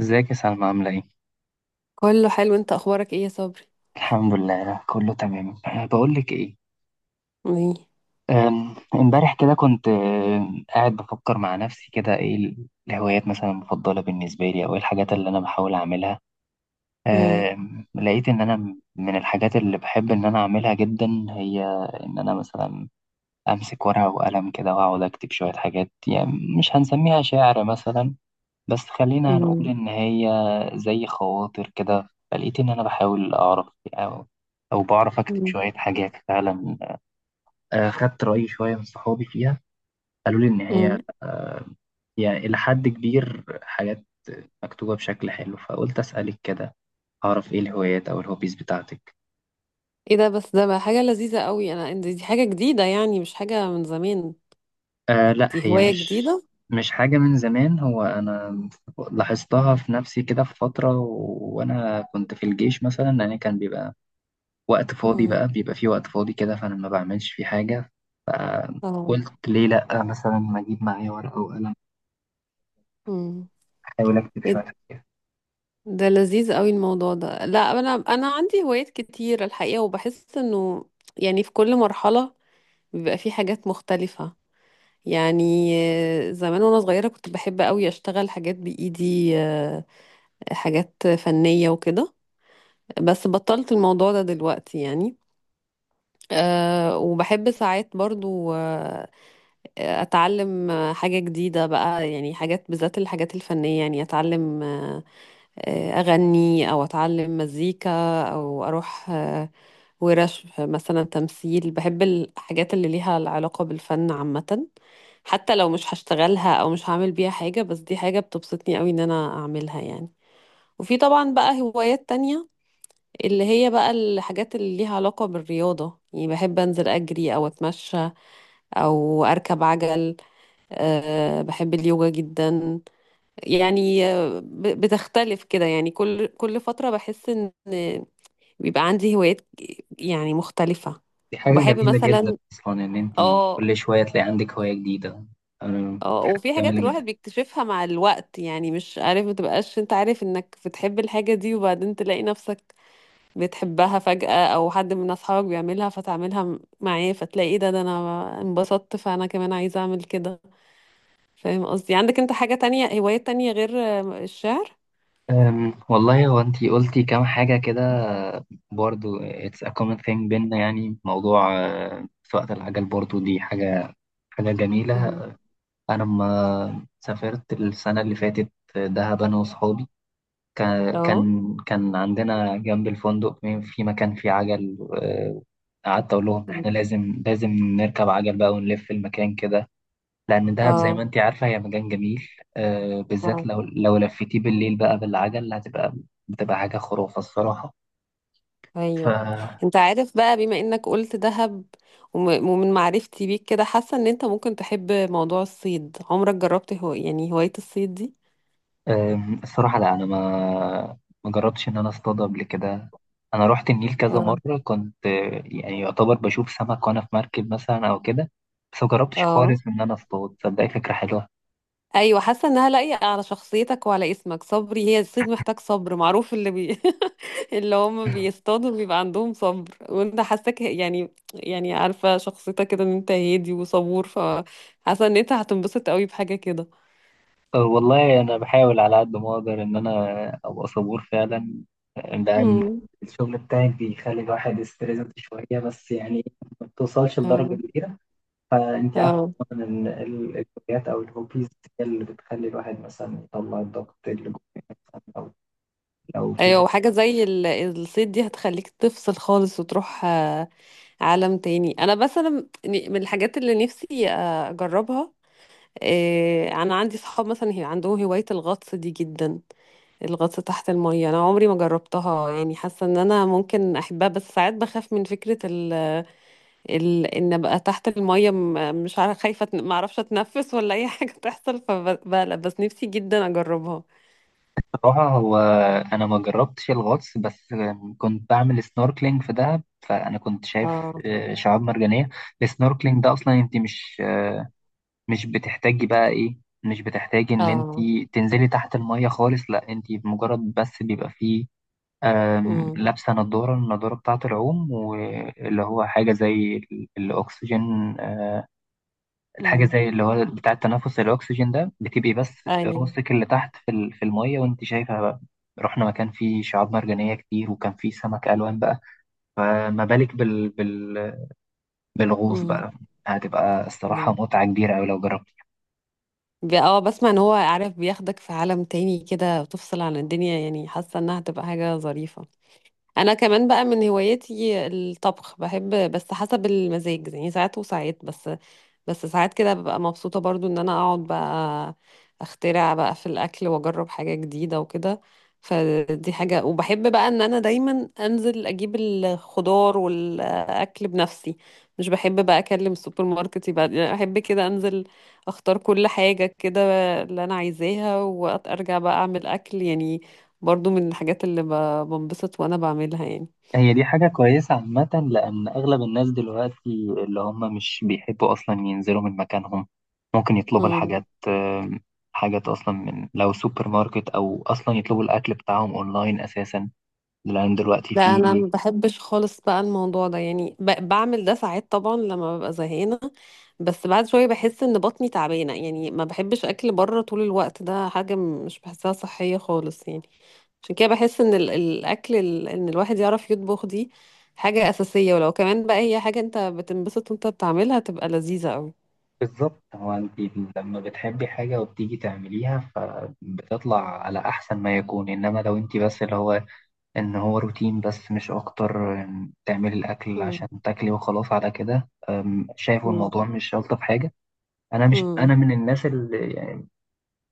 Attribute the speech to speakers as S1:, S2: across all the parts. S1: ازيك يا سلمى، عاملة ايه؟
S2: كله حلو، انت اخبارك ايه يا صبري؟
S1: الحمد لله، كله تمام. أه، بقولك ايه.
S2: ايه؟
S1: امبارح كده كنت قاعد بفكر مع نفسي كده، ايه الهوايات مثلا المفضلة بالنسبة لي، او ايه الحاجات اللي انا بحاول اعملها.
S2: مم.
S1: لقيت ان انا من الحاجات اللي بحب ان انا اعملها جدا هي ان انا مثلا امسك ورقة وقلم كده واقعد اكتب شوية حاجات، يعني مش هنسميها شعر مثلا، بس خلينا نقول
S2: مم.
S1: إن هي زي خواطر كده. فلقيت إن أنا بحاول أعرف أو بعرف أكتب
S2: مم.
S1: شوية حاجات فعلا. خدت رأي شوية من صحابي فيها، قالوا لي إن
S2: مم.
S1: هي يعني إلى حد كبير حاجات مكتوبة بشكل حلو، فقلت أسألك كده أعرف إيه الهوايات أو الهوبيز بتاعتك.
S2: ايه ده! بس ده بقى حاجة لذيذة قوي. انا دي حاجة جديدة، يعني مش حاجة من زمان.
S1: آه لا،
S2: دي
S1: هي
S2: هواية
S1: مش
S2: جديدة.
S1: مش حاجة من زمان. هو أنا لاحظتها في نفسي كده في فترة، وأنا كنت في الجيش مثلا. أنا كان بيبقى وقت فاضي،
S2: مم.
S1: بقى بيبقى فيه وقت فاضي كده، فأنا ما بعملش فيه حاجة.
S2: اه.
S1: فقلت ليه لأ، مثلا ما أجيب معايا ورقة وقلم
S2: مم.
S1: أحاول أكتب
S2: ايه.
S1: شوية حاجات.
S2: ده لذيذ قوي الموضوع ده. لا، انا عندي هوايات كتير الحقيقة، وبحس انه يعني في كل مرحلة بيبقى في حاجات مختلفة، يعني زمان وانا صغيرة كنت بحب قوي اشتغل حاجات بايدي، حاجات فنية وكده. بس بطلت الموضوع ده دلوقتي يعني. وبحب ساعات برضو، آه، أتعلم حاجة جديدة بقى، يعني حاجات، بالذات الحاجات الفنية، يعني أتعلم، أغني أو أتعلم مزيكا أو أروح ورش مثلا تمثيل. بحب الحاجات اللي ليها العلاقة بالفن عامة، حتى لو مش هشتغلها أو مش هعمل بيها حاجة، بس دي حاجة بتبسطني قوي إن أنا أعملها، يعني. وفي طبعا بقى هوايات تانية، اللي هي بقى الحاجات اللي ليها علاقة بالرياضة، يعني بحب أنزل أجري أو أتمشى أو أركب عجل. أه، بحب اليوجا جدا. يعني بتختلف كده، يعني كل فترة بحس إن بيبقى عندي هوايات يعني مختلفة.
S1: دي حاجة
S2: وبحب
S1: جميلة جدا
S2: مثلا.
S1: أصلا إن أنت
S2: اه.
S1: كل شوية تلاقي عندك هواية جديدة، أنا
S2: اه.
S1: حاجة
S2: وفي حاجات
S1: جميلة جدا.
S2: الواحد بيكتشفها مع الوقت، يعني مش عارف، متبقاش انت عارف انك بتحب الحاجة دي وبعدين تلاقي نفسك بتحبها فجأة، أو حد من أصحابك بيعملها فتعملها معاه، فتلاقي إيه ده، ده أنا انبسطت، فأنا كمان عايزة أعمل كده. فاهم قصدي؟ عندك أنت حاجة تانية، هوايات تانية غير الشعر؟
S1: والله، هو أنت قلتي كام حاجة كده برضو، it's a common thing بينا. يعني موضوع سواقة العجل برضو، دي حاجة جميلة.
S2: مم.
S1: أنا لما سافرت السنة اللي فاتت دهب، أنا وصحابي، كان
S2: اه.
S1: كان كان عندنا جنب الفندق في مكان فيه عجل. قعدت أقول لهم إحنا
S2: مم.
S1: لازم نركب عجل بقى ونلف المكان كده، لأن دهب زي
S2: اه.
S1: ما أنت عارفة هي مكان جميل. بالذات
S2: آه.
S1: لو لفيتيه بالليل بقى بالعجل، بتبقى حاجة خرافة الصراحة. ف
S2: ايوه. أنت عارف، بقى بما إنك قلت دهب ومن معرفتي بيك كده، حاسة إن أنت ممكن تحب موضوع الصيد. عمرك جربت، هو، يعني هواية الصيد دي؟
S1: الصراحة لا، أنا ما جربتش إن أنا أصطاد قبل كده. أنا رحت النيل كذا
S2: اه.
S1: مرة، كنت يعني يعتبر بشوف سمك وأنا في مركب مثلا أو كده، بس ما جربتش
S2: اه.
S1: خالص إن أنا أصطاد. صدقني، فكرة حلوة.
S2: ايوه، حاسه انها لايقه على شخصيتك وعلى اسمك صبري. هي الصيد محتاج صبر، معروف اللي بي... اللي هم بيصطادوا بيبقى عندهم صبر، وانت حاساك، يعني عارفه شخصيتك كده، ان انت هادي وصبور، فحاسه ان انت هتنبسط قوي بحاجه كده.
S1: والله، أنا بحاول على قد ما أقدر إن أنا أبقى صبور فعلا، لأن
S2: امم.
S1: الشغل بتاعك بيخلي الواحد يستريس شوية، بس يعني ما بتوصلش لدرجة
S2: اه.
S1: كبيرة. فأنت عارفة
S2: اه.
S1: طبعا إن الهوايات أو الهوبيز هي اللي بتخلي الواحد مثلا يطلع الضغط اللي جواه، مثلا لو في
S2: ايوه،
S1: حاجة.
S2: وحاجه زي الصيد دي هتخليك تفصل خالص وتروح عالم تاني. انا مثلا من الحاجات اللي نفسي اجربها، انا عندي صحاب مثلا هي عندهم هوايه الغطس دي جدا. الغطس تحت المية أنا عمري ما جربتها، يعني حاسة إن أنا ممكن أحبها، بس ساعات بخاف من فكرة إن أبقى تحت المية، مش عارفة، خايفة ما أعرفش أتنفس ولا أي حاجة تحصل فبقلق، بس نفسي جدا أجربها.
S1: بصراحة هو أنا ما جربتش الغطس، بس كنت بعمل سنوركلينج في دهب، فأنا كنت شايف
S2: اه.
S1: شعاب مرجانية. السنوركلينج ده أصلا أنت مش آه، مش بتحتاجي بقى إيه مش بتحتاجي إن أنت
S2: اه.
S1: تنزلي تحت المية خالص. لا أنت مجرد بس بيبقى فيه
S2: امم.
S1: لابسة نضارة، النضارة بتاعة العوم، واللي هو حاجة زي الأكسجين، آه، الحاجة
S2: امم.
S1: زي اللي هو بتاع التنفس الأكسجين ده. بتبقي بس
S2: أيوه.
S1: راسك اللي تحت في في المية، وأنت شايفة بقى. رحنا مكان فيه شعاب مرجانية كتير، وكان فيه سمك ألوان بقى. فما بالك بالغوص
S2: امم.
S1: بقى؟ هتبقى الصراحة
S2: أيوه.
S1: متعة كبيرة أوي لو جربت.
S2: اه، بسمع إن هو، عارف، بياخدك في عالم تاني كده وتفصل عن الدنيا، يعني حاسة إنها هتبقى حاجة ظريفة. انا كمان بقى من هواياتي الطبخ، بحب بس حسب المزاج يعني، ساعات وساعات. بس ساعات كده ببقى مبسوطة برضو ان انا اقعد بقى اخترع بقى في الاكل واجرب حاجة جديدة وكده. فدي حاجة. وبحب بقى ان انا دايما انزل اجيب الخضار والاكل بنفسي. مش بحب بقى اكلم السوبر ماركت يبقى، يعني احب كده انزل اختار كل حاجة كده اللي انا عايزاها وارجع بقى اعمل اكل، يعني. برضو من الحاجات اللي بنبسط وانا بعملها.
S1: هي دي حاجة كويسة عامة، لأن أغلب الناس دلوقتي اللي هم مش بيحبوا أصلا ينزلوا من مكانهم، ممكن يطلبوا
S2: يعني
S1: الحاجات حاجات أصلا من لو سوبر ماركت، أو أصلا يطلبوا الأكل بتاعهم أونلاين أساسا، لأن دلوقتي
S2: لا،
S1: في.
S2: انا ما بحبش خالص بقى الموضوع ده، يعني بعمل ده ساعات طبعا لما ببقى زهقانه. بس بعد شويه بحس ان بطني تعبانه، يعني ما بحبش اكل بره طول الوقت، ده حاجه مش بحسها صحيه خالص، يعني. عشان كده بحس ان الاكل، ان الواحد يعرف يطبخ دي حاجه اساسيه. ولو كمان بقى هي حاجه انت بتنبسط وانت بتعملها تبقى لذيذه قوي.
S1: بالظبط، هو أنت لما بتحبي حاجة وبتيجي تعمليها فبتطلع على أحسن ما يكون، إنما لو أنت بس اللي هو إن هو روتين بس مش أكتر، تعملي الأكل
S2: امم.
S1: عشان تاكلي وخلاص على كده، شايفه الموضوع مش ألطف حاجة. انا مش انا
S2: امم.
S1: من الناس اللي يعني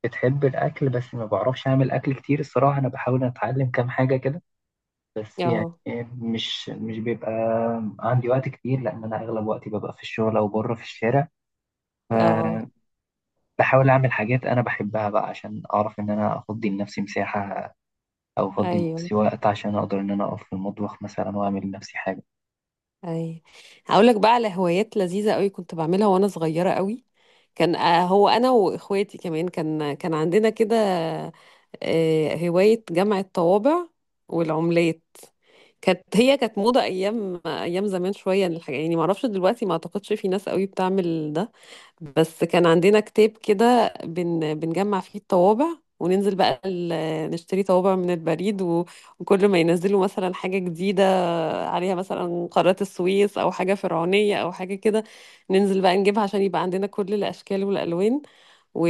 S1: بتحب الاكل، بس ما بعرفش اعمل اكل كتير الصراحه. انا بحاول اتعلم كام حاجه كده، بس يعني
S2: اه.
S1: مش بيبقى عندي وقت كتير، لان انا اغلب وقتي ببقى في الشغل او بره في الشارع.
S2: اه.
S1: فبحاول اعمل حاجات انا بحبها بقى، عشان اعرف ان انا افضي لنفسي مساحه، او افضي
S2: ايوه.
S1: لنفسي وقت عشان اقدر ان انا اقف في المطبخ مثلا واعمل لنفسي حاجه.
S2: اي. هقول لك بقى على هوايات لذيذه قوي كنت بعملها وانا صغيره قوي. كان آه، هو انا واخواتي كمان كان عندنا كده، هوايه جمع الطوابع والعملات. كانت، هي كانت موضه ايام، ايام زمان شويه الحاجه، يعني ما اعرفش دلوقتي، ما اعتقدش في ناس قوي بتعمل ده. بس كان عندنا كتاب كده، بنجمع فيه الطوابع وننزل بقى نشتري طوابع من البريد، وكل ما ينزلوا مثلا حاجة جديدة، عليها مثلا قارات السويس أو حاجة فرعونية أو حاجة كده، ننزل بقى نجيبها عشان يبقى عندنا كل الأشكال والألوان، و...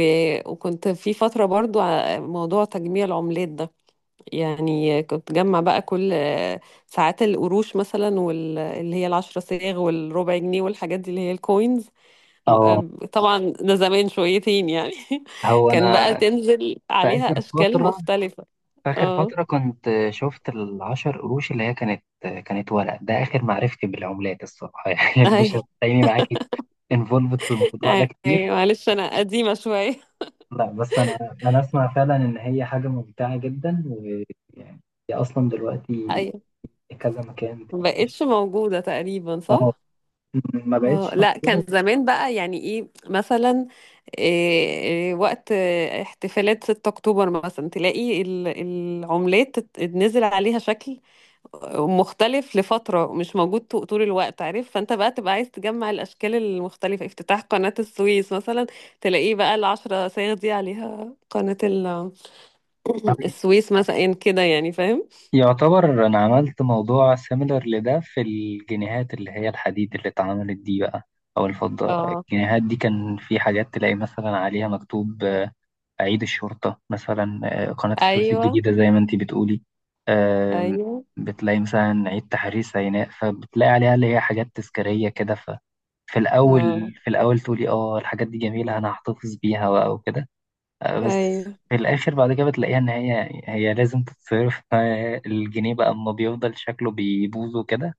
S2: وكنت في فترة برضو موضوع تجميع العملات ده. يعني كنت جمع بقى كل ساعات القروش مثلا، واللي هي العشرة صاغ والربع جنيه والحاجات دي اللي هي الكوينز. م-
S1: اه،
S2: آم، طبعا ده زمان شويتين، يعني.
S1: هو
S2: كان بقى
S1: انا
S2: تنزل
S1: في
S2: عليها
S1: اخر
S2: أشكال
S1: فتره
S2: مختلفة.
S1: آخر
S2: اه.
S1: فترة كنت شفت العشر قروش اللي هي كانت ورق، ده آخر معرفتي بالعملات الصراحة. يعني مش
S2: أي،
S1: هتلاقيني معاكي انفولفد في الموضوع ده
S2: أي،
S1: كتير.
S2: معلش أنا قديمة شوية.
S1: لا بس أنا أسمع فعلا إن هي حاجة ممتعة جدا، ويعني هي أصلا دلوقتي
S2: أيوة،
S1: كذا مكان.
S2: مبقتش موجودة تقريبا،
S1: اه،
S2: صح؟
S1: ما
S2: اه
S1: بقتش
S2: لا،
S1: موجودة.
S2: كان زمان بقى يعني ايه مثلا. إيه إيه وقت احتفالات 6 اكتوبر مثلا تلاقي العملات نزل عليها شكل مختلف لفترة، مش موجود طول الوقت، عارف، فانت بقى تبقى عايز تجمع الاشكال المختلفة. افتتاح قناة السويس مثلا تلاقيه بقى العشرة صايغ دي عليها قناة السويس مثلا كده، يعني فاهم.
S1: يعتبر أنا عملت موضوع سيميلر لده في الجنيهات، اللي هي الحديد اللي اتعملت دي بقى، أو الفضة.
S2: اه.
S1: الجنيهات دي كان في حاجات تلاقي مثلا عليها مكتوب أعيد الشرطة مثلا، قناة السويس
S2: ايوه.
S1: الجديدة زي ما أنتي بتقولي، آم،
S2: ايوه.
S1: بتلاقي مثلا عيد تحرير سيناء، فبتلاقي عليها اللي هي حاجات تذكارية كده. ففي
S2: اه.
S1: الأول في الأول تقولي اه الحاجات دي جميلة أنا هحتفظ بيها وكده، بس
S2: ايوه.
S1: في الآخر بعد كده بتلاقيها إن هي لازم تتصرف، الجنيه بقى أما بيفضل شكله بيبوظ وكده.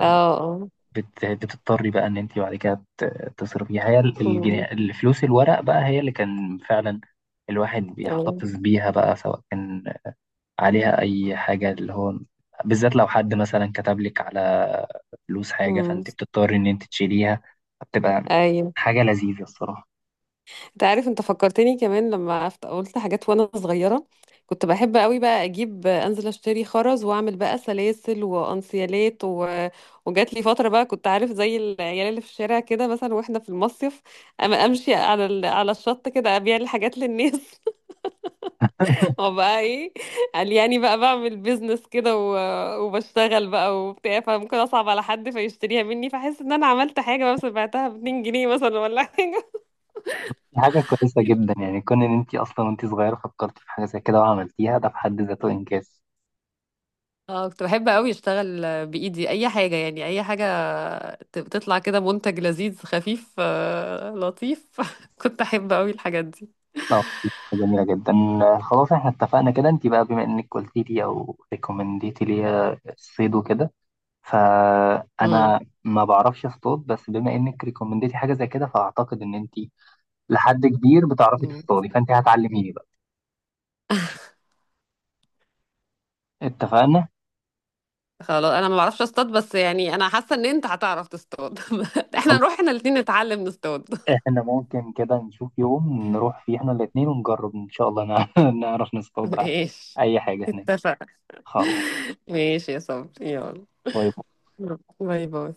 S2: اه. اه.
S1: بتضطري بقى ان انت بعد كده تصرفيها، هي الجنيه،
S2: أمم.
S1: الفلوس الورق بقى هي اللي كان فعلا الواحد
S2: آه.
S1: بيحتفظ بيها بقى، سواء كان عليها اي حاجه اللي هو، بالذات لو حد مثلا كتب لك على فلوس حاجه
S2: أمم.
S1: فانت بتضطري ان انت تشيليها. بتبقى
S2: ايوه،
S1: حاجه لذيذه الصراحه.
S2: انت عارف، انت فكرتني كمان لما قلت حاجات وانا صغيره. كنت بحب قوي بقى اجيب، انزل اشتري خرز واعمل بقى سلاسل وانسيالات، وجات لي فتره بقى، كنت، عارف، زي العيال اللي في الشارع كده مثلا واحنا في المصيف اما امشي على على الشط كده ابيع الحاجات للناس. وبقى ايه، قال يعني بقى بعمل بيزنس كده، وبشتغل بقى وبتاع، فممكن اصعب على حد فيشتريها مني فاحس ان انا عملت حاجه، بس بعتها ب 2 جنيه مثلا ولا حاجه.
S1: حاجه كويسه جدا يعني، كون ان انت اصلا وانت صغيره فكرتي في حاجه زي كده وعملتيها، ده في حد ذاته انجاز.
S2: اه، كنت بحب قوي اشتغل بايدي اي حاجه، يعني اي حاجه تطلع كده منتج لذيذ خفيف، لطيف. كنت احب قوي الحاجات دي.
S1: اه، جميلة جدا. خلاص، احنا اتفقنا كده. انت بقى بما انك قلتي لي او ريكومنديتي لي الصيد وكده،
S2: امم.
S1: فانا ما بعرفش اصطاد، بس بما انك ريكومنديتي حاجة زي كده، فاعتقد ان انت لحد كبير بتعرفي
S2: أمم.
S1: تصطادي، فانت هتعلميني بقى. اتفقنا.
S2: خلاص، انا ما بعرفش اصطاد، بس يعني انا حاسه ان انت هتعرف تصطاد. احنا
S1: خلاص،
S2: نروح احنا الاثنين نتعلم نصطاد.
S1: احنا ممكن كده نشوف يوم نروح فيه احنا الاتنين ونجرب ان شاء الله نعرف نصطاد
S2: ماشي.
S1: اي حاجة هناك.
S2: اتفق.
S1: خلاص.
S2: ماشي يا صبري، يلا
S1: طيب.
S2: باي باي.